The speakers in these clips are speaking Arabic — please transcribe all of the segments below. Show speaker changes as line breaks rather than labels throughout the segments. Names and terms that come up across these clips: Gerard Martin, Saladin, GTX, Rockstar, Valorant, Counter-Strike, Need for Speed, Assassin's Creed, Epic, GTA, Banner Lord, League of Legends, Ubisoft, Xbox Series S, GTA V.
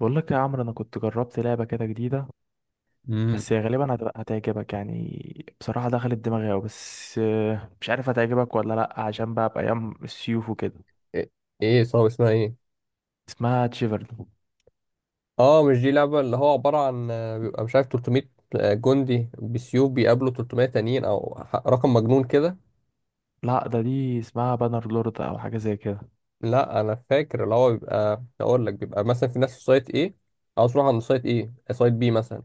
بقول لك يا عمرو، انا كنت جربت لعبه كده جديده،
امم.
بس هي غالبا هتعجبك يعني. بصراحه دخلت دماغي أوي، بس مش عارف هتعجبك ولا لا عشان بقى بايام السيوف وكده.
ايه. إيه، صعب اسمها ايه؟
اسمها تشيفرد.
اه، مش دي لعبة اللي هو عبارة عن بيبقى مش عارف 300 جندي بسيوف بيقابلوا 300 تانيين او رقم مجنون كده.
لا ده دي اسمها بانر لورد او حاجه زي كده.
لا، انا فاكر اللي هو بيبقى اقول لك بيبقى مثلا في ناس في سايت ايه، عاوز يروح عند سايت ايه، سايت بي مثلا،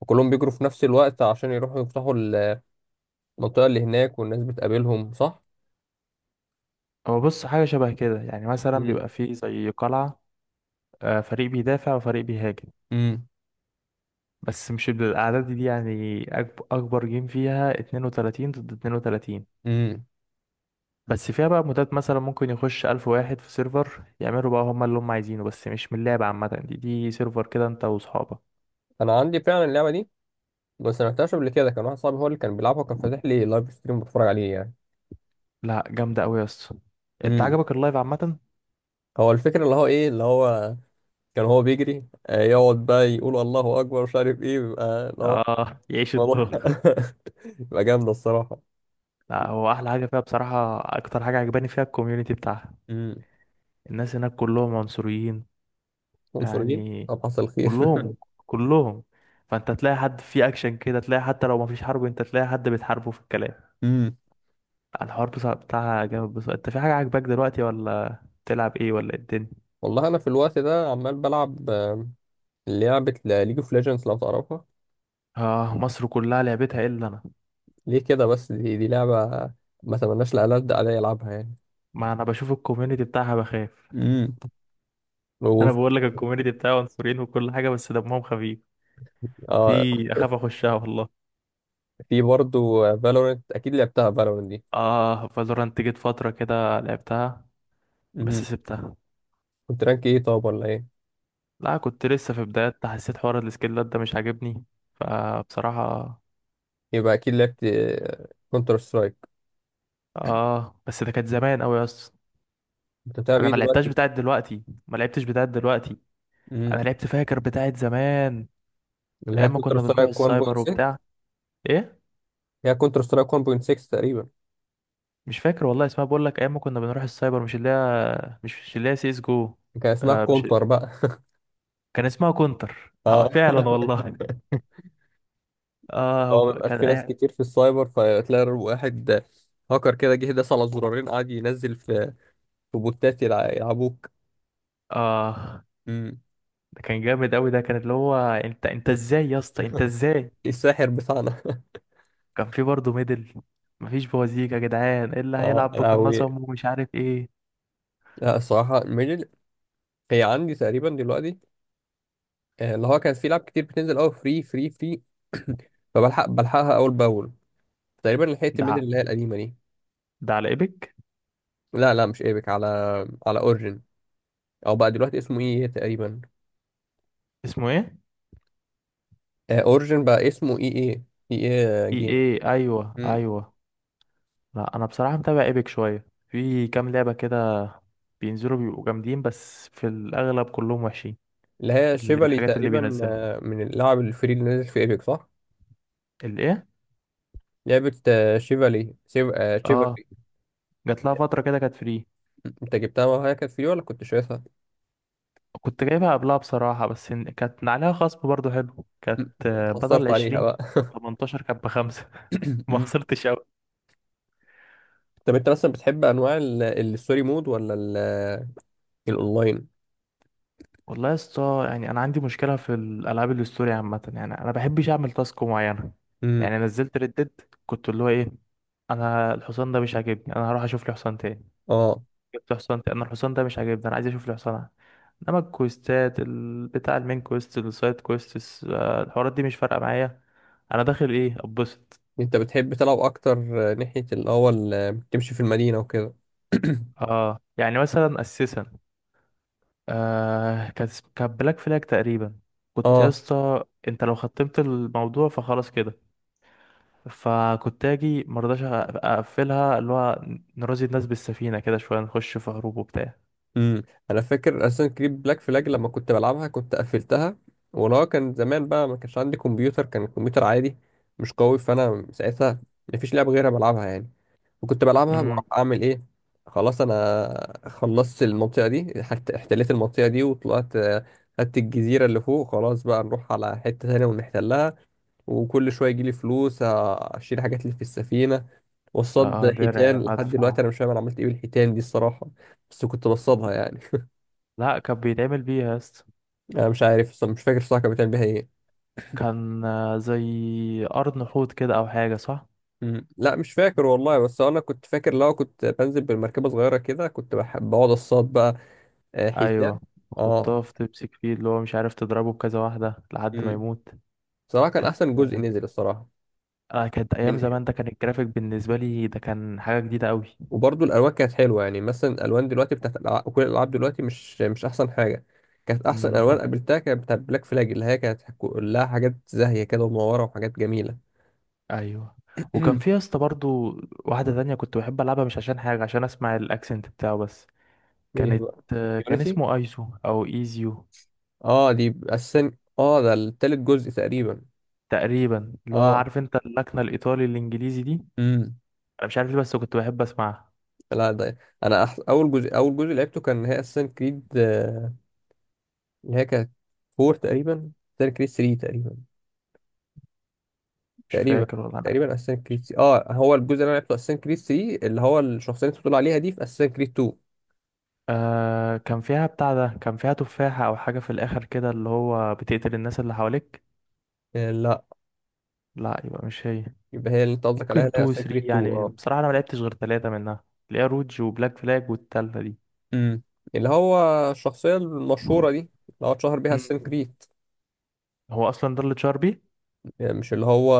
وكلهم بيجروا في نفس الوقت عشان يروحوا يفتحوا المنطقة اللي هناك والناس بتقابلهم، صح.
هو بص، حاجه شبه كده يعني. مثلا بيبقى
امم.
فيه زي قلعه، فريق بيدافع وفريق بيهاجم.
امم.
بس مش بالاعداد دي يعني. اكبر جيم فيها 32 ضد 32،
امم.
بس فيها بقى مودات مثلا ممكن يخش ألف واحد في سيرفر يعملوا بقى هما اللي هما عايزينه، بس مش من اللعبة عامة، دي سيرفر كده انت وصحابك.
انا عندي فعلا اللعبة دي، بس ما لعبتهاش قبل كده. كان واحد صاحبي هو اللي كان بيلعبها وكان فاتح لي لايف ستريم بتفرج عليه.
لا جامدة أوي يا اسطى. انت
يعني
عجبك اللايف عامة؟
هو الفكرة اللي هو ايه اللي هو كان هو بيجري، يقعد بقى يقول الله اكبر، مش عارف ايه بيبقى اللي هو.
اه يعيش
والله.
الدور.
بيبقى جامدة الصراحة.
لا هو أحلى حاجة فيها بصراحة، أكتر حاجة عجباني فيها الكوميونيتي بتاعها.
امم.
الناس هناك كلهم عنصريين،
عنصريين؟
يعني
طب حصل خير.
كلهم كلهم. فانت تلاقي حد فيه أكشن كده، تلاقي حتى لو مفيش حرب انت تلاقي حد بتحاربه في الكلام.
امم.
الحوار بصراحة بتاعها جامد بصراحة. انت في حاجة عاجباك دلوقتي ولا بتلعب ايه ولا ايه الدنيا؟
والله انا في الوقت ده عمال بلعب لعبة ليج اوف ليجندز، لو تعرفها.
اه مصر كلها لعبتها الا انا.
ليه كده بس؟ دي لعبة ما تمناش لألد عليا يلعبها يعني.
ما انا بشوف الكوميونتي بتاعها بخاف.
امم.
انا
وف-
بقول لك الكوميونتي بتاعها عنصريين وكل حاجه، بس دمهم خفيف
آه.
دي. اخاف اخشها والله.
في برضو فالورنت، اكيد لعبتها فالورنت دي.
اه فالورانت جيت فتره كده لعبتها، بس
امم.
سبتها.
كنت رانك ايه طب ولا ايه؟
لا كنت لسه في بدايات. حسيت حوار السكيلات ده مش عاجبني فبصراحه.
يبقى اكيد لعبت كونتر سترايك.
اه بس ده كانت زمان قوي يا اسطى.
انت بتلعب
انا
ايه
ما لعبتهاش
دلوقتي؟
بتاعت دلوقتي، ما لعبتش بتاعت دلوقتي. انا
امم.
لعبت فاكر بتاعت زمان،
اللي هي
ايام ما
كونتر
كنا بنروح
سترايك
السايبر
1.6.
وبتاع. ايه
هي كونتر سترايك 1.6 تقريبا.
مش فاكر والله اسمها. بقول لك ايام ما كنا بنروح السايبر، مش اللي هي، مش اللي هي سي اس جو.
كان اسمها
آه مش،
كونتر بقى.
كان اسمها كونتر
اه.
فعلا والله. اه هو
هو ما بيبقاش
كان
في
أي...
ناس كتير في السايبر، فتلاقي واحد هاكر كده جه داس على زرارين قعد ينزل في بوتات يلعبوك.
اه
امم.
ده كان جامد قوي. ده كان اللي هو انت ازاي يا اسطى، انت ازاي؟
الساحر بتاعنا.
كان في برضه ميدل. مفيش بوازيك يا جدعان، إيه اللي
اه
هيلعب
لهوي.
بقناصه ومش عارف ايه.
لا الصراحة، ميدل هي عندي تقريبا دلوقتي. اللي هو كان في لعب كتير بتنزل قوي، فري فري فري. فبلحق بلحقها اول باول. تقريبا لحقت ميدل
ده
اللي هي القديمة دي.
ده على ايبك.
لا لا، مش ايبك. على اورجن، او بقى دلوقتي اسمه اي اي تقريبا.
اسمه ايه؟
اورجن بقى اسمه اي اي. اي. اي
اي
جيم.
ايه، ايوه
مم.
ايوه. لا انا بصراحه متابع ايبك شويه، في كام لعبه كده بينزلوا بيبقوا جامدين، بس في الاغلب كلهم وحشين.
اللي هي
اللي
شيفالي
الحاجات اللي
تقريبا،
بينزلها،
من اللاعب الفري اللي نزل في ايبك، صح.
الايه؟
لعبة آه، شيفالي شيف... آه،
اه،
شيفالي.
جات لها فتره كده كانت فري.
مم. انت جبتها وهي كانت فري ولا كنت شايفها؟
كنت جايبها قبلها بصراحه، بس كانت عليها خصم برضو حلو. كانت
مم.
بدل
اتحصرت عليها
20
بقى.
او 18، كانت بخمسه. ما
مم.
خسرتش قوي.
طب انت مثلا بتحب انواع الستوري مود ولا الاونلاين؟
والله يا اسطى، يعني انا عندي مشكله في الالعاب الاستوري عامه. يعني انا بحبش اعمل تاسك معينه.
مم.
يعني نزلت ردد، كنت اللي هو ايه، انا الحصان ده مش عاجبني، انا هروح اشوف لي حصان تاني.
اه.
جبت حصان تاني. انا الحصان ده مش عاجبني، انا عايز اشوف الحصان. انما الكويستات بتاع المين كويست، السايد كويست، الحوارات دي مش فارقه معايا. انا داخل ايه، اتبسط.
انت بتحب تلعب اكتر، ناحية الاول، تمشي في المدينة وكده.
اه يعني مثلا اساسا، آه كانت كانت بلاك فلاج تقريبا. كنت يا
اه.
اسطى، انت لو ختمت الموضوع فخلاص كده. فكنت اجي مرضاش اقفلها اللي هو، نرازي الناس بالسفينه كده شويه، نخش في هروب وبتاع.
امم. انا فاكر اساسا كريد بلاك فلاج لما كنت بلعبها كنت قفلتها. ولو كان زمان بقى، ما كانش عندي كمبيوتر، كان الكمبيوتر عادي مش قوي، فانا ساعتها ما فيش لعبه غيرها بلعبها يعني. وكنت بلعبها
امم،
بروح اعمل ايه. خلاص، انا خلصت المنطقه دي، حتى احتليت المنطقه دي وطلعت، خدت الجزيره اللي فوق. خلاص بقى نروح على حته تانية ونحتلها. وكل شويه يجيلي فلوس، اشيل حاجات اللي في السفينه، وصاد
اه درع
حيتان. لحد
مدفع.
دلوقتي انا مش فاهم انا عملت ايه بالحيتان دي الصراحه، بس كنت بصطادها يعني.
لا كان بيتعمل بيها يا اسطى.
انا مش عارف اصلا، مش فاكر الصراحه كان بتعمل بيها ايه.
كان زي قرن حوت كده او حاجه، صح؟
مم. لا مش فاكر والله، بس انا كنت فاكر لو كنت بنزل بالمركبه صغيره كده كنت بحب اقعد اصطاد بقى حيتان.
ايوه،
اه.
وحطها في تمسك فيه اللي هو مش عارف، تضربه بكذا واحده لحد ما
مم.
يموت.
صراحه كان
كانت،
احسن جزء نزل الصراحه
آه كانت ايام
منه.
زمان. ده كان الجرافيك بالنسبه لي ده كان حاجه جديده قوي.
وبرضه الالوان كانت حلوه. يعني مثلا الالوان دلوقتي بتاعت كل الالعاب دلوقتي مش احسن حاجه. كانت احسن
امم،
الوان قابلتها كانت بتاعت بلاك فلاج، اللي هي كانت كلها حاجات زاهيه كده ومنوره وحاجات جميله.
ايوه. وكان في يا اسطى برضو واحده تانية كنت بحب العبها، مش عشان حاجه، عشان اسمع الاكسنت بتاعه بس.
ايه
كانت
بقى؟
آه، كان
يونيتي.
اسمه ايزو او ايزيو
اه، دي اساسا. اه ده التالت جزء تقريبا.
تقريبا. اللي هو
اه.
عارف انت اللكنه الايطالي الانجليزي دي.
امم.
انا مش عارف ليه بس كنت بحب اسمعها.
لا، ده انا اول جزء لعبته كان هي اساسا كريد، اللي هي كانت 4 تقريبا. اساسا كريد 3
مش
تقريبا
فاكر والله انا.
تقريبا اساسا كريد 3. اه هو الجزء اللي انا لعبته اساسا كريد 3، اللي هو الشخصيه اللي انت بتقول عليها دي في اساسا كريد 2.
آه كان فيها بتاع، ده كان فيها تفاحة أو حاجة في الآخر كده اللي هو بتقتل الناس اللي حواليك.
آه لا،
لا يبقى مش هي.
يبقى هي اللي انت قصدك عليها
ممكن
اللي هي
تو
اساسا
ثري
كريد 2،
يعني.
اه.
بصراحة أنا ملعبتش غير تلاتة منها، اللي هي روج وبلاك فلاج والتالتة دي.
امم. اللي هو الشخصيه المشهوره دي اللي هو اتشهر بيها اساسا
مم.
كريد،
هو أصلا ده اللي اتشهر بيه.
يعني مش اللي هو،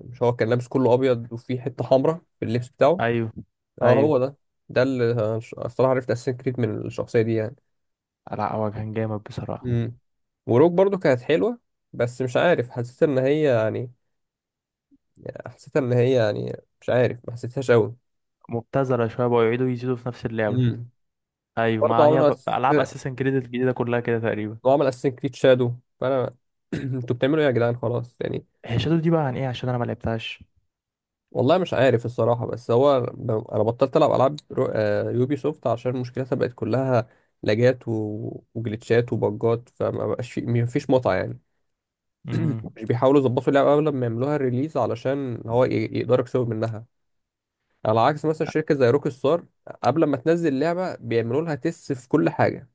مش هو كان لابس كله ابيض وفيه حته حمراء في اللبس بتاعه.
أيوه
اه، هو
أيوه.
ده. ده اللي أنا الصراحه عرفت اساسن كريد من الشخصيه دي يعني.
لا هو كان جامد بصراحة.
امم. وروك برضو كانت حلوه، بس مش عارف حسيت ان هي يعني، حسيت ان هي يعني مش عارف، ما حسيتهاش قوي.
مبتذلة شوية، بقوا يعيدوا يزيدوا في نفس اللعبة.
امم.
أيوه
برضه
ما هي،
عملوا
ألعاب أساسا كريد الجديدة كلها كده تقريبا.
وعمل اساسن كريد شادو، فانا انتوا بتعملوا ايه يا جدعان؟ خلاص يعني.
هي شادو دي بقى عن إيه؟ عشان أنا ملعبتهاش.
والله مش عارف الصراحة، بس هو أنا بطلت ألعب ألعاب رو... آه، يوبي سوفت، عشان مشكلتها بقت كلها لاجات وجلitchات وبجات، فما بقاش في، مفيش متعة يعني.
مم.
مش بيحاولوا يظبطوا اللعبة قبل ما يعملوها الريليز، علشان هو يقدروا يكسبوا منها. على عكس مثلا شركة زي روك ستار، قبل ما تنزل لعبة بيعملوا لها تيست في كل حاجة،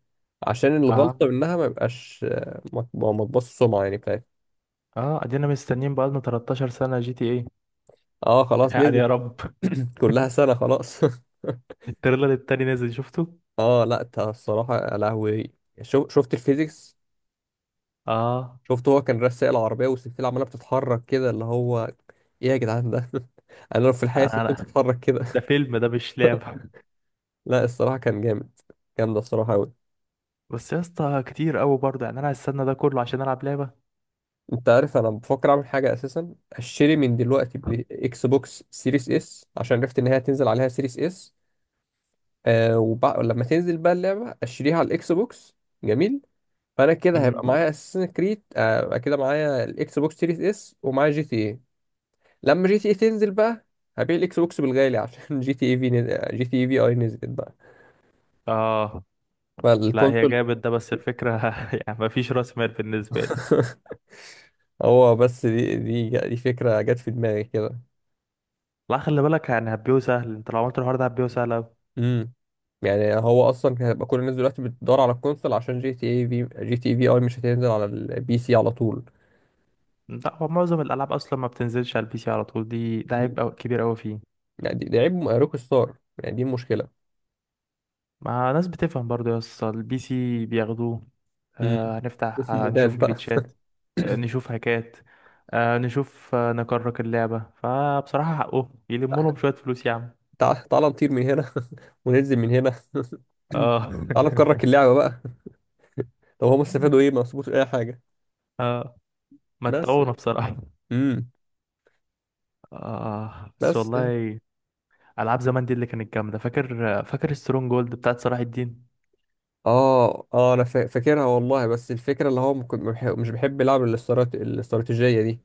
عشان
اه
الغلطة منها ما يبقاش، ما تبص السمعة يعني بتاعتها.
اه، ادينا مستنيين بقالنا 13 سنة جي تي إيه.
اه. خلاص
يعني
نزلت.
يا رب.
كلها سنة خلاص.
التريلر التاني نازل، شفته؟
اه، لا انت الصراحه، يا لهوي شو شفت الفيزيكس؟
اه،
شفت هو كان رسائل العربيه والسلسله عماله بتتحرك كده اللي هو، ايه يا جدعان ده؟ انا لو في الحقيقه السلسله
انا
بتتحرك كده!
ده فيلم، ده مش لعبة.
لا الصراحه كان جامد. جامد الصراحه قوي.
بس يا اسطى كتير قوي برضه يعني. انا هستنى ده كله عشان العب لعبة؟
انت عارف انا بفكر اعمل حاجه، اساسا اشتري من دلوقتي اكس بوكس سيريس اس، عشان عرفت ان هي هتنزل عليها سيريس اس. لما تنزل بقى اللعبه اشتريها على الاكس بوكس. جميل. فانا كده هيبقى
امم،
معايا اساسن كريد، كده معايا الاكس بوكس سيريس اس ومعايا جي تي. لما جي تي اي تنزل بقى، هبيع الاكس بوكس بالغالي عشان جي تي اي في نزل، جي تي اي في اي نزلت بقى
اه. لا هي
فالكونسول.
جامد ده، بس الفكرة يعني مفيش راس مال بالنسبة لي.
هو بس دي فكرة جت في دماغي كده.
لا خلي بالك، يعني هبيو سهل. انت لو عملت الحوار ده هبيو سهل أوي.
امم. يعني هو اصلا كان هيبقى كل الناس دلوقتي بتدور على الكونسول، عشان جي تي اي في، جي تي اي في اي مش هتنزل على البي سي على طول.
لا هو معظم الالعاب اصلا ما بتنزلش على البي سي على طول. ده
مم.
عيب كبير قوي فيه.
يعني دي عيب روك ستار. يعني دي مشكلة.
ما ناس بتفهم برضه يا اسطى، البي سي بياخدوه.
امم.
هنفتح،
اسم مودات
نشوف
بقى.
جليتشات، نشوف هكات، آه، نشوف آه، نكرك اللعبة. فبصراحة حقه يلموا لهم شوية فلوس يا عم.
تعال نطير من هنا. وننزل من هنا.
اه.
تعال نكرك اللعبة بقى. طب هم استفادوا ايه؟ ما استفادوش اي حاجة.
اه
بس.
متعونا بصراحة.
امم.
اه بس
بس يعني.
والله، ألعاب زمان دي اللي كانت جامدة. فاكر فاكر سترونج جولد بتاعت صلاح الدين؟
اه اه، انا فاكرها والله، بس الفكره اللي هو ممكن- ما بح- مش بحب العب الاستراتيجيه دي.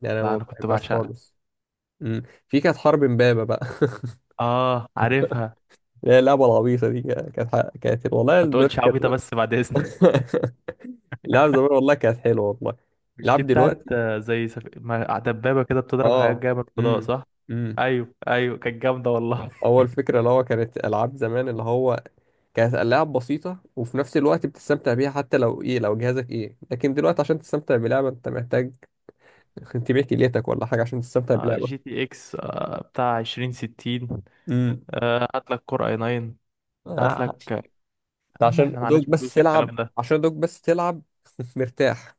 يعني انا
لا
ما
أنا كنت
بحبهاش
بعشقها.
خالص. امم. في كانت حرب امبابه بقى.
اه عارفها.
اللي هي اللعبه العبيطه دي كانت، والله
ما
الدنيا
تقولش عبيطة
كانت.
بس بعد إذنك.
اللعب زمان والله كانت حلوه، والله.
مش دي
اللعب
بتاعت
دلوقتي.
آه، زي سف... ما- دبابة كده بتضرب حاجات
اه.
جاية من الفضاء،
امم.
صح؟
امم.
أيوه أيوه كانت جامدة والله.
اول فكره اللي هو كانت العاب زمان، اللي هو كانت ألعاب بسيطة وفي نفس الوقت بتستمتع بيها حتى لو إيه، لو جهازك إيه. لكن دلوقتي عشان تستمتع بلعبة أنت محتاج تبيع كليتك ولا حاجة عشان تستمتع بلعبة.
جي تي اكس بتاع عشرين ستين،
امم.
هات لك كور اي ناين، هات
آه.
لك يا عم،
عشان
احنا معناش
دوك بس
فلوس
تلعب.
الكلام ده.
عشان دوك بس تلعب. مرتاح.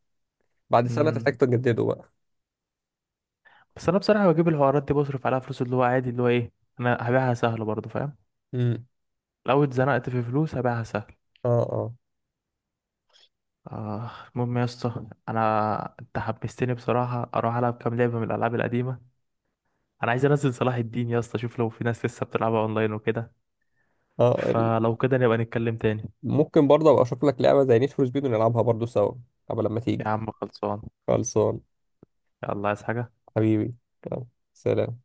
بعد سنة
مم.
تحتاج تجدده بقى.
بس انا بصراحة بجيب الحوارات دي، بصرف عليها فلوس اللي هو عادي، اللي هو ايه، انا هبيعها سهل برضه، فاهم؟
امم.
لو اتزنقت في فلوس هبيعها سهل.
اه اه.
آه المهم يا اسطى، انا انت حمستني بصراحة اروح العب كام لعبة من الالعاب القديمة. انا عايز انزل صلاح الدين يا اسطى اشوف لو في ناس لسه بتلعبها اونلاين وكده.
اه
فلو كده نبقى نتكلم تاني.
ممكن برضه ابقى اشوف لك لعبة زي نيد فور سبيد ونلعبها برضه سوا قبل لما تيجي.
يا عم خلصان.
خلصان.
يلا عايز حاجة؟
حبيبي. يلا. سلام.